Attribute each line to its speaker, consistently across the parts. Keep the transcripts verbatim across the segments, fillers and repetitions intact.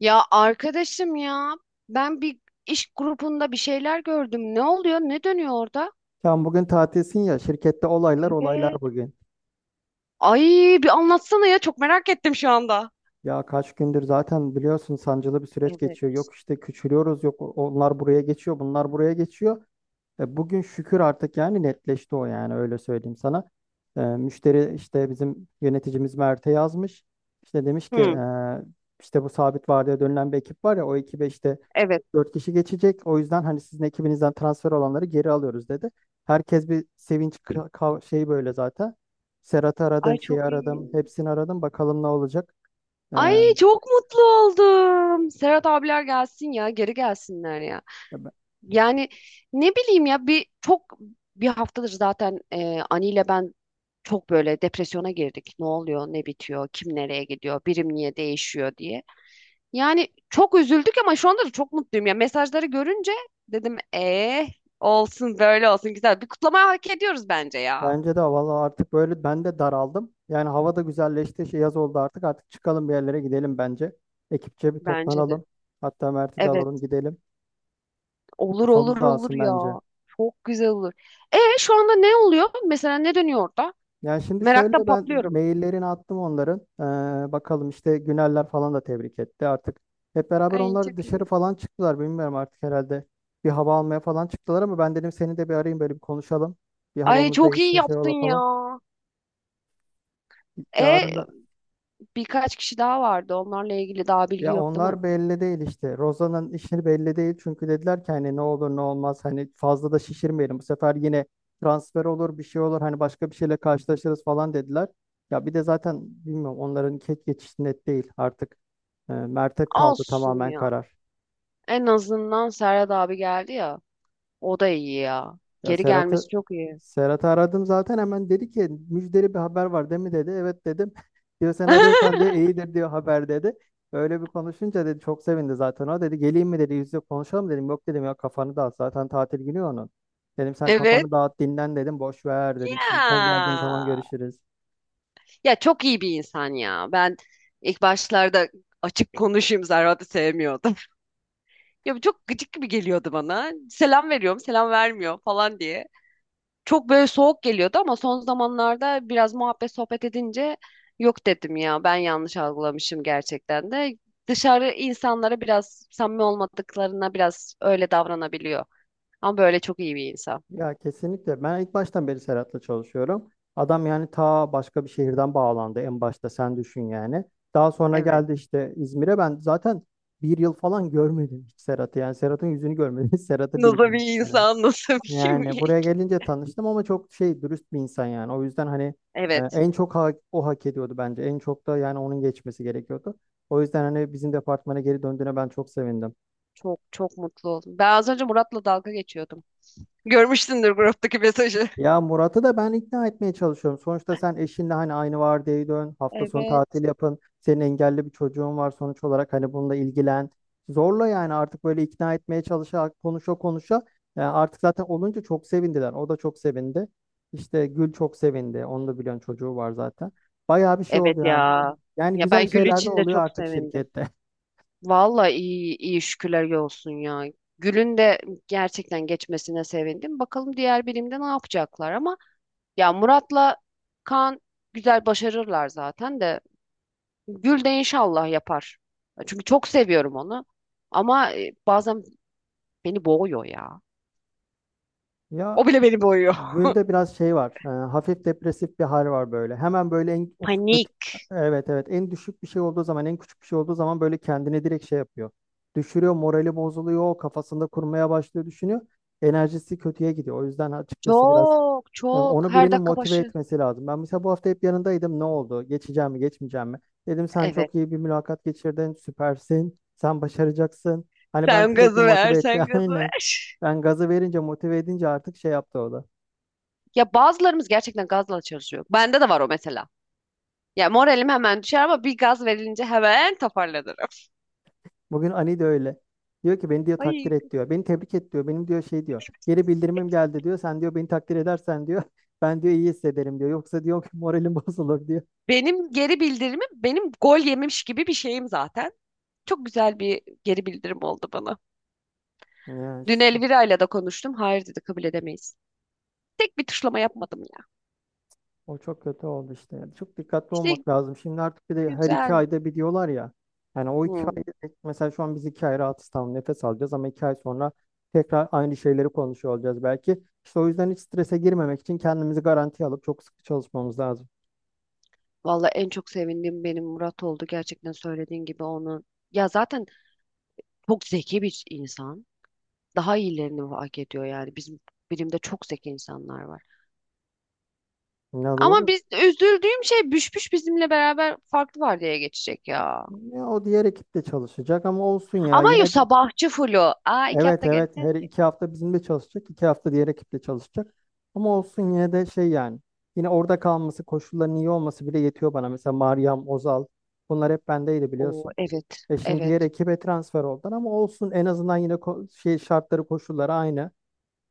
Speaker 1: Ya arkadaşım ya ben bir iş grubunda bir şeyler gördüm. Ne oluyor? Ne dönüyor orada?
Speaker 2: Sen bugün tatilsin ya, şirkette olaylar olaylar
Speaker 1: Evet,
Speaker 2: bugün.
Speaker 1: Ay bir anlatsana ya çok merak ettim şu anda.
Speaker 2: Ya kaç gündür zaten biliyorsun, sancılı bir süreç
Speaker 1: Evet.
Speaker 2: geçiyor. Yok işte küçülüyoruz, yok onlar buraya geçiyor, bunlar buraya geçiyor. E, bugün şükür artık yani netleşti o, yani öyle söyleyeyim sana. E, müşteri işte bizim yöneticimiz Mert'e yazmış. İşte demiş ki
Speaker 1: Hı,
Speaker 2: e, işte bu sabit vardiya dönülen bir ekip var ya, o ekibe işte
Speaker 1: evet.
Speaker 2: dört kişi geçecek. O yüzden hani sizin ekibinizden transfer olanları geri alıyoruz dedi. Herkes bir sevinç ka- ka- şey böyle zaten. Serhat'ı
Speaker 1: Ay
Speaker 2: aradım, şeyi
Speaker 1: çok
Speaker 2: aradım,
Speaker 1: iyi.
Speaker 2: hepsini aradım. Bakalım ne olacak. Ee,
Speaker 1: Ay çok mutlu oldum. Serhat abiler gelsin ya geri gelsinler ya.
Speaker 2: ben-
Speaker 1: Yani ne bileyim ya bir çok bir haftadır zaten e, Ani ile ben çok böyle depresyona girdik. Ne oluyor, ne bitiyor, kim nereye gidiyor, birim niye değişiyor diye. Yani çok üzüldük ama şu anda da çok mutluyum. Ya mesajları görünce dedim eh olsun böyle olsun güzel. Bir kutlama hak ediyoruz bence ya.
Speaker 2: Bence de valla artık böyle ben de daraldım. Yani hava da güzelleşti. Şey, yaz oldu artık. Artık çıkalım, bir yerlere gidelim bence. Ekipçe bir
Speaker 1: Bence de.
Speaker 2: toplanalım. Hatta Mert'i de
Speaker 1: Evet,
Speaker 2: alalım gidelim. Bir
Speaker 1: olur
Speaker 2: kafamız
Speaker 1: olur olur
Speaker 2: dağılsın bence.
Speaker 1: ya. Çok güzel olur. E şu anda ne oluyor? Mesela ne dönüyor orada?
Speaker 2: Yani şimdi
Speaker 1: Meraktan
Speaker 2: şöyle, ben
Speaker 1: patlıyorum.
Speaker 2: maillerini attım onların. Ee, bakalım işte Güneller falan da tebrik etti artık. Hep beraber
Speaker 1: Ay
Speaker 2: onlar
Speaker 1: çok
Speaker 2: dışarı
Speaker 1: iyi.
Speaker 2: falan çıktılar. Bilmiyorum artık herhalde. Bir hava almaya falan çıktılar ama ben dedim seni de bir arayayım, böyle bir konuşalım. Bir
Speaker 1: Ay
Speaker 2: havamız
Speaker 1: çok iyi
Speaker 2: değilse şey
Speaker 1: yaptın
Speaker 2: ola
Speaker 1: ya.
Speaker 2: falan. Yarın
Speaker 1: E
Speaker 2: da
Speaker 1: birkaç kişi daha vardı. Onlarla ilgili daha bilgi
Speaker 2: Ya
Speaker 1: yok değil mi?
Speaker 2: onlar belli değil işte. Rozan'ın işi belli değil. Çünkü dediler ki hani ne olur ne olmaz, hani fazla da şişirmeyelim. Bu sefer yine transfer olur, bir şey olur, hani başka bir şeyle karşılaşırız falan dediler. Ya bir de zaten bilmiyorum, onların ket geçişi net değil artık. E, Mert'e kaldı
Speaker 1: Olsun
Speaker 2: tamamen
Speaker 1: ya.
Speaker 2: karar.
Speaker 1: En azından Serhat abi geldi ya. O da iyi ya.
Speaker 2: Ya
Speaker 1: Geri gelmesi
Speaker 2: Serhat'ı
Speaker 1: çok iyi.
Speaker 2: Serhat'ı aradım zaten, hemen dedi ki müjdeli bir haber var değil mi dedi. Evet dedim. Diyor sen arıyorsan diyor iyidir diyor haber dedi. Öyle bir konuşunca dedi, çok sevindi zaten o dedi, geleyim mi dedi, yüz yüze konuşalım dedim. Yok dedim ya, kafanı dağıt, zaten tatil günü ya onun. Dedim sen
Speaker 1: Evet.
Speaker 2: kafanı dağıt, dinlen dedim, boş ver dedim. Şimdi sen geldiğin
Speaker 1: Ya.
Speaker 2: zaman görüşürüz.
Speaker 1: Ya çok iyi bir insan ya. Ben ilk başlarda açık konuşayım Serhat'ı sevmiyordum. Ya bu çok gıcık gibi geliyordu bana. Selam veriyorum, selam vermiyor falan diye. Çok böyle soğuk geliyordu ama son zamanlarda biraz muhabbet sohbet edince yok dedim ya. Ben yanlış algılamışım gerçekten de. Dışarı insanlara biraz samimi olmadıklarına biraz öyle davranabiliyor. Ama böyle çok iyi bir insan.
Speaker 2: Ya kesinlikle. Ben ilk baştan beri Serhat'la çalışıyorum. Adam yani ta başka bir şehirden bağlandı en başta, sen düşün yani. Daha sonra
Speaker 1: Evet.
Speaker 2: geldi işte İzmir'e, ben zaten bir yıl falan görmedim hiç Serhat'ı. Yani Serhat'ın yüzünü görmedim. Serhat'ı
Speaker 1: Nasıl bir
Speaker 2: bilmedim yani.
Speaker 1: insan, nasıl bir
Speaker 2: Yani
Speaker 1: kimlik?
Speaker 2: buraya gelince tanıştım ama çok şey, dürüst bir insan yani. O yüzden hani e,
Speaker 1: Evet.
Speaker 2: en çok ha- o hak ediyordu bence. En çok da yani onun geçmesi gerekiyordu. O yüzden hani bizim departmana geri döndüğüne ben çok sevindim.
Speaker 1: Çok çok mutlu oldum. Ben az önce Murat'la dalga geçiyordum. Görmüşsündür gruptaki mesajı.
Speaker 2: Ya Murat'ı da ben ikna etmeye çalışıyorum. Sonuçta sen eşinle hani aynı vardiyaya dön, hafta sonu
Speaker 1: Evet.
Speaker 2: tatil yapın. Senin engelli bir çocuğun var sonuç olarak, hani bununla ilgilen. Zorla yani artık böyle, ikna etmeye çalışa, konuşa konuşa. Yani artık zaten olunca çok sevindiler. O da çok sevindi. İşte Gül çok sevindi. Onu da biliyorsun, çocuğu var zaten. Bayağı bir şey oldu
Speaker 1: Evet
Speaker 2: yani.
Speaker 1: ya.
Speaker 2: Yani
Speaker 1: Ya
Speaker 2: güzel
Speaker 1: ben Gül
Speaker 2: şeyler de
Speaker 1: için de
Speaker 2: oluyor
Speaker 1: çok
Speaker 2: artık
Speaker 1: sevindim.
Speaker 2: şirkette.
Speaker 1: Vallahi iyi iyi şükürler olsun ya. Gül'ün de gerçekten geçmesine sevindim. Bakalım diğer birimde ne yapacaklar ama ya Murat'la Kaan güzel başarırlar zaten de Gül de inşallah yapar. Çünkü çok seviyorum onu. Ama e, bazen beni boğuyor ya. O
Speaker 2: Ya
Speaker 1: bile beni boğuyor.
Speaker 2: Gül'de biraz şey var. E, hafif depresif bir hal var böyle. Hemen böyle en of, kötü,
Speaker 1: Panik.
Speaker 2: evet evet, en düşük bir şey olduğu zaman, en küçük bir şey olduğu zaman böyle kendini direkt şey yapıyor. Düşürüyor, morali bozuluyor, kafasında kurmaya başlıyor, düşünüyor. Enerjisi kötüye gidiyor. O yüzden açıkçası biraz
Speaker 1: Çok
Speaker 2: e,
Speaker 1: çok
Speaker 2: onu
Speaker 1: her
Speaker 2: birinin
Speaker 1: dakika
Speaker 2: motive
Speaker 1: başı.
Speaker 2: etmesi lazım. Ben mesela bu hafta hep yanındaydım. Ne oldu? Geçeceğim mi, geçmeyeceğim mi? Dedim sen
Speaker 1: Evet.
Speaker 2: çok iyi bir mülakat geçirdin, süpersin. Sen başaracaksın. Hani ben
Speaker 1: Sen
Speaker 2: sürekli
Speaker 1: gazı ver,
Speaker 2: motive etti.
Speaker 1: sen gazı
Speaker 2: Aynen.
Speaker 1: ver.
Speaker 2: Ben gazı verince, motive edince artık şey yaptı o da.
Speaker 1: Ya bazılarımız gerçekten gazla çalışıyor. Bende de var o mesela. Ya moralim hemen düşer ama bir gaz verilince hemen toparlanırım.
Speaker 2: Bugün Ali de öyle. Diyor ki beni diyor takdir
Speaker 1: Ay.
Speaker 2: et diyor. Beni tebrik et diyor. Benim diyor şey diyor. Geri bildirimim geldi diyor. Sen diyor beni takdir edersen diyor. Ben diyor iyi hissederim diyor. Yoksa diyor ki moralim bozulur diyor.
Speaker 1: Benim geri bildirimim benim gol yemiş gibi bir şeyim zaten. Çok güzel bir geri bildirim oldu bana.
Speaker 2: Ya
Speaker 1: Dün
Speaker 2: işte
Speaker 1: Elvira ile de konuştum. Hayır dedi kabul edemeyiz. Tek bir tuşlama yapmadım ya.
Speaker 2: o çok kötü oldu işte. Yani çok dikkatli
Speaker 1: İşte
Speaker 2: olmak lazım. Şimdi artık bir de her iki
Speaker 1: güzel.
Speaker 2: ayda bir diyorlar ya. Yani o iki
Speaker 1: Hı.
Speaker 2: ay mesela şu an biz iki ay rahatız, tamam, nefes alacağız ama iki ay sonra tekrar aynı şeyleri konuşuyor olacağız belki. İşte o yüzden hiç strese girmemek için kendimizi garantiye alıp çok sıkı çalışmamız lazım.
Speaker 1: Vallahi en çok sevindiğim benim Murat oldu. Gerçekten söylediğin gibi onu. Ya zaten çok zeki bir insan. Daha iyilerini hak ediyor yani. Bizim birimde çok zeki insanlar var.
Speaker 2: Ne
Speaker 1: Ama
Speaker 2: doğru.
Speaker 1: biz üzüldüğüm şey Büşbüş bizimle beraber farklı vardiyaya geçecek ya.
Speaker 2: Ya o diğer ekip de çalışacak ama olsun ya,
Speaker 1: Ama yo
Speaker 2: yine de
Speaker 1: sabahçı fulu. Aa iki
Speaker 2: evet
Speaker 1: hafta
Speaker 2: evet,
Speaker 1: geleceğiz
Speaker 2: her
Speaker 1: ki.
Speaker 2: iki hafta bizimle çalışacak, iki hafta diğer ekiple çalışacak ama olsun yine de şey yani, yine orada kalması, koşulların iyi olması bile yetiyor bana. Mesela Meryem Ozal, bunlar hep bendeydi
Speaker 1: Oo
Speaker 2: biliyorsun.
Speaker 1: evet.
Speaker 2: E şimdi diğer
Speaker 1: Evet.
Speaker 2: ekibe transfer oldular ama olsun, en azından yine ko- şey, şartları koşulları aynı.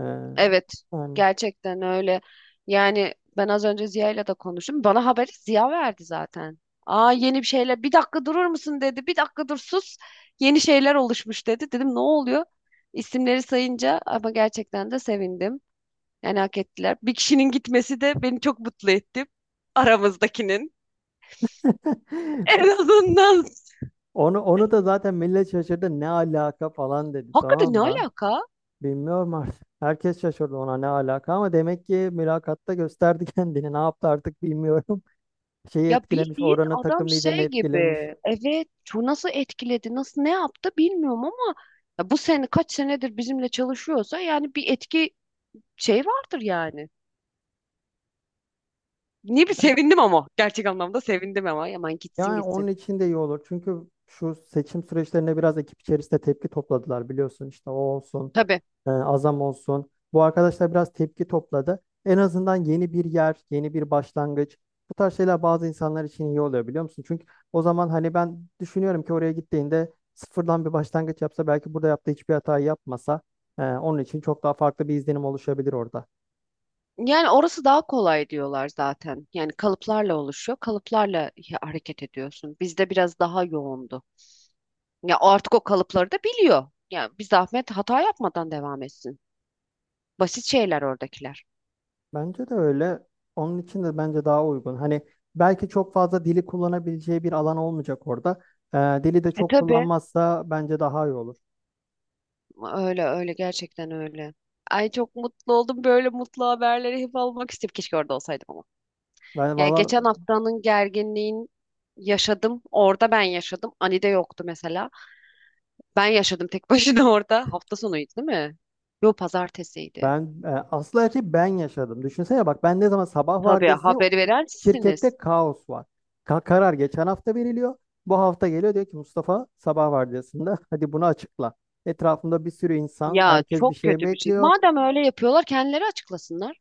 Speaker 2: Ee,
Speaker 1: Evet,
Speaker 2: yani
Speaker 1: gerçekten öyle. Yani ben az önce Ziya'yla da konuştum. Bana haberi Ziya verdi zaten. Aa yeni bir şeyler. Bir dakika durur musun dedi. Bir dakika dur sus. Yeni şeyler oluşmuş dedi. Dedim ne oluyor? İsimleri sayınca ama gerçekten de sevindim. Yani hak ettiler. Bir kişinin gitmesi de beni çok mutlu etti. Aramızdakinin. En azından.
Speaker 2: onu onu da zaten millet şaşırdı, ne alaka falan dedi,
Speaker 1: Hakikaten
Speaker 2: tamam
Speaker 1: ne
Speaker 2: mı?
Speaker 1: alaka?
Speaker 2: Bilmiyorum artık. Herkes şaşırdı ona, ne alaka ama demek ki mülakatta gösterdi kendini. Ne yaptı artık bilmiyorum. Şeyi
Speaker 1: Ya
Speaker 2: etkilemiş,
Speaker 1: bildiğin
Speaker 2: oranın
Speaker 1: adam
Speaker 2: takım liderini
Speaker 1: şey
Speaker 2: etkilemiş.
Speaker 1: gibi. Evet, şu nasıl etkiledi, nasıl ne yaptı bilmiyorum ama ya bu sene kaç senedir bizimle çalışıyorsa yani bir etki şey vardır yani. Ne bir sevindim ama gerçek anlamda sevindim ama yaman gitsin
Speaker 2: Yani onun
Speaker 1: gitsin.
Speaker 2: için de iyi olur. Çünkü şu seçim süreçlerinde biraz ekip içerisinde tepki topladılar biliyorsun. İşte o olsun.
Speaker 1: Tabii.
Speaker 2: e, Azam olsun. Bu arkadaşlar biraz tepki topladı. En azından yeni bir yer, yeni bir başlangıç. Bu tarz şeyler bazı insanlar için iyi oluyor biliyor musun? Çünkü o zaman hani ben düşünüyorum ki oraya gittiğinde sıfırdan bir başlangıç yapsa, belki burada yaptığı hiçbir hatayı yapmasa, e, onun için çok daha farklı bir izlenim oluşabilir orada.
Speaker 1: Yani orası daha kolay diyorlar zaten. Yani kalıplarla oluşuyor. Kalıplarla ya- hareket ediyorsun. Bizde biraz daha yoğundu. Ya artık o kalıpları da biliyor. Ya bir zahmet hata yapmadan devam etsin. Basit şeyler oradakiler.
Speaker 2: Bence de öyle. Onun için de bence daha uygun. Hani belki çok fazla dili kullanabileceği bir alan olmayacak orada. Ee, Dili de
Speaker 1: E
Speaker 2: çok
Speaker 1: tabii.
Speaker 2: kullanmazsa bence daha iyi olur.
Speaker 1: Öyle öyle gerçekten öyle. Ay çok mutlu oldum. Böyle mutlu haberleri hep almak istedim. Keşke orada olsaydım ama.
Speaker 2: Ben
Speaker 1: Yani
Speaker 2: valla
Speaker 1: geçen haftanın gerginliğini yaşadım. Orada ben yaşadım. Ani de yoktu mesela. Ben yaşadım tek başına orada. Hafta sonuydu değil mi? Yo pazartesiydi.
Speaker 2: ben e, Asıl her şeyi ben yaşadım. Düşünsene bak, ben ne zaman sabah
Speaker 1: Tabii
Speaker 2: vardiyasıyım,
Speaker 1: haberi veren sizsiniz.
Speaker 2: şirkette kaos var. Ka- karar geçen hafta veriliyor. Bu hafta geliyor, diyor ki Mustafa sabah vardiyasında hadi bunu açıkla. Etrafımda bir sürü insan,
Speaker 1: Ya
Speaker 2: herkes bir
Speaker 1: çok
Speaker 2: şey
Speaker 1: kötü bir şey.
Speaker 2: bekliyor.
Speaker 1: Madem öyle yapıyorlar kendileri açıklasınlar.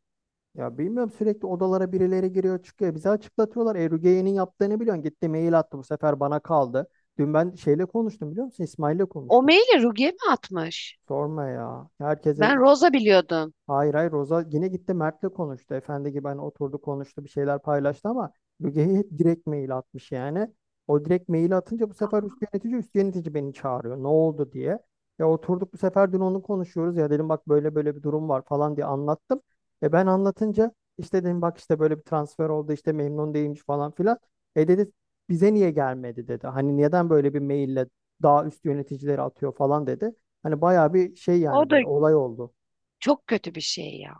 Speaker 2: Ya bilmiyorum, sürekli odalara birileri giriyor çıkıyor. Bize açıklatıyorlar. E, Rugeye'nin yaptığını biliyorsun. Gitti mail attı, bu sefer bana kaldı. Dün ben şeyle konuştum biliyor musun? İsmail'le
Speaker 1: O
Speaker 2: konuştum.
Speaker 1: maili Rugi'ye mi atmış?
Speaker 2: Sorma ya. Herkese…
Speaker 1: Ben Rosa biliyordum.
Speaker 2: Hayır hayır, Roza yine gitti Mert'le konuştu. Efendi gibi hani oturdu, konuştu, bir şeyler paylaştı ama Müge'ye hep direkt mail atmış yani. O direkt maili atınca bu sefer
Speaker 1: Aa,
Speaker 2: üst yönetici üst yönetici beni çağırıyor ne oldu diye. Ya oturduk bu sefer dün, onu konuşuyoruz ya, dedim bak böyle böyle bir durum var falan diye anlattım. E ben anlatınca işte dedim bak işte böyle bir transfer oldu, işte memnun değilmiş falan filan. E dedi bize niye gelmedi dedi. Hani neden böyle bir maille daha üst yöneticileri atıyor falan dedi. Hani bayağı bir şey
Speaker 1: o
Speaker 2: yani,
Speaker 1: da
Speaker 2: böyle olay oldu.
Speaker 1: çok kötü bir şey ya.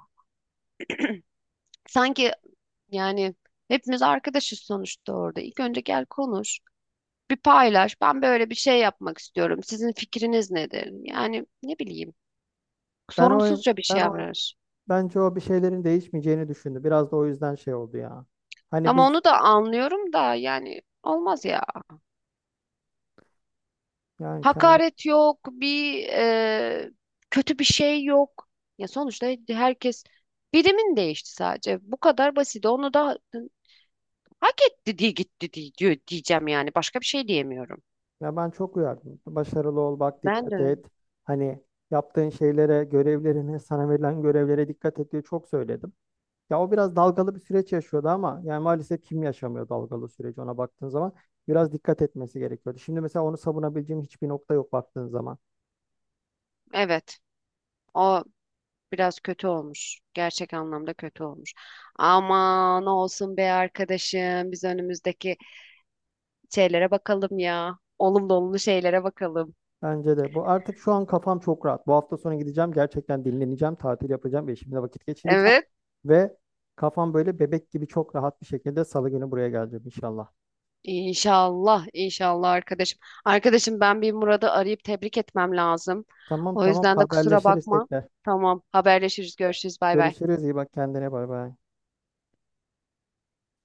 Speaker 1: Sanki yani hepimiz arkadaşız sonuçta orada. İlk önce gel konuş. Bir paylaş. Ben böyle bir şey yapmak istiyorum. Sizin fikriniz nedir? Yani ne bileyim.
Speaker 2: Ben o
Speaker 1: Sorumsuzca bir
Speaker 2: ben
Speaker 1: şey
Speaker 2: o
Speaker 1: yapar.
Speaker 2: Bence o bir şeylerin değişmeyeceğini düşündü. Biraz da o yüzden şey oldu ya. Hani
Speaker 1: Ama
Speaker 2: biz
Speaker 1: onu da anlıyorum da yani olmaz ya.
Speaker 2: yani kendi
Speaker 1: Hakaret yok, bir e, kötü bir şey yok. Ya sonuçta herkes birimin değişti sadece. Bu kadar basit. Onu da hak etti diye gitti diye diyor diyeceğim yani. Başka bir şey diyemiyorum.
Speaker 2: Ya ben çok uyardım. Başarılı ol, bak
Speaker 1: Ben
Speaker 2: dikkat
Speaker 1: de.
Speaker 2: et. Hani yaptığın şeylere, görevlerine, sana verilen görevlere dikkat et diye çok söyledim. Ya o biraz dalgalı bir süreç yaşıyordu ama yani maalesef kim yaşamıyor dalgalı süreci, ona baktığın zaman biraz dikkat etmesi gerekiyordu. Şimdi mesela onu savunabileceğim hiçbir nokta yok baktığın zaman.
Speaker 1: Evet. O biraz kötü olmuş. Gerçek anlamda kötü olmuş. Aman olsun be arkadaşım. Biz önümüzdeki şeylere bakalım ya. Olumlu olumlu şeylere bakalım.
Speaker 2: Bence de bu artık, şu an kafam çok rahat. Bu hafta sonu gideceğim, gerçekten dinleneceğim, tatil yapacağım ve eşimle vakit geçireceğim.
Speaker 1: Evet.
Speaker 2: Ve kafam böyle bebek gibi çok rahat bir şekilde salı günü buraya geleceğim inşallah.
Speaker 1: İnşallah, inşallah arkadaşım. Arkadaşım ben bir Murat'ı arayıp tebrik etmem lazım.
Speaker 2: Tamam
Speaker 1: O
Speaker 2: tamam,
Speaker 1: yüzden de kusura
Speaker 2: haberleşiriz
Speaker 1: bakma.
Speaker 2: tekrar.
Speaker 1: Tamam, haberleşiriz, görüşürüz, bay bay.
Speaker 2: Görüşürüz, iyi bak kendine, bay bay.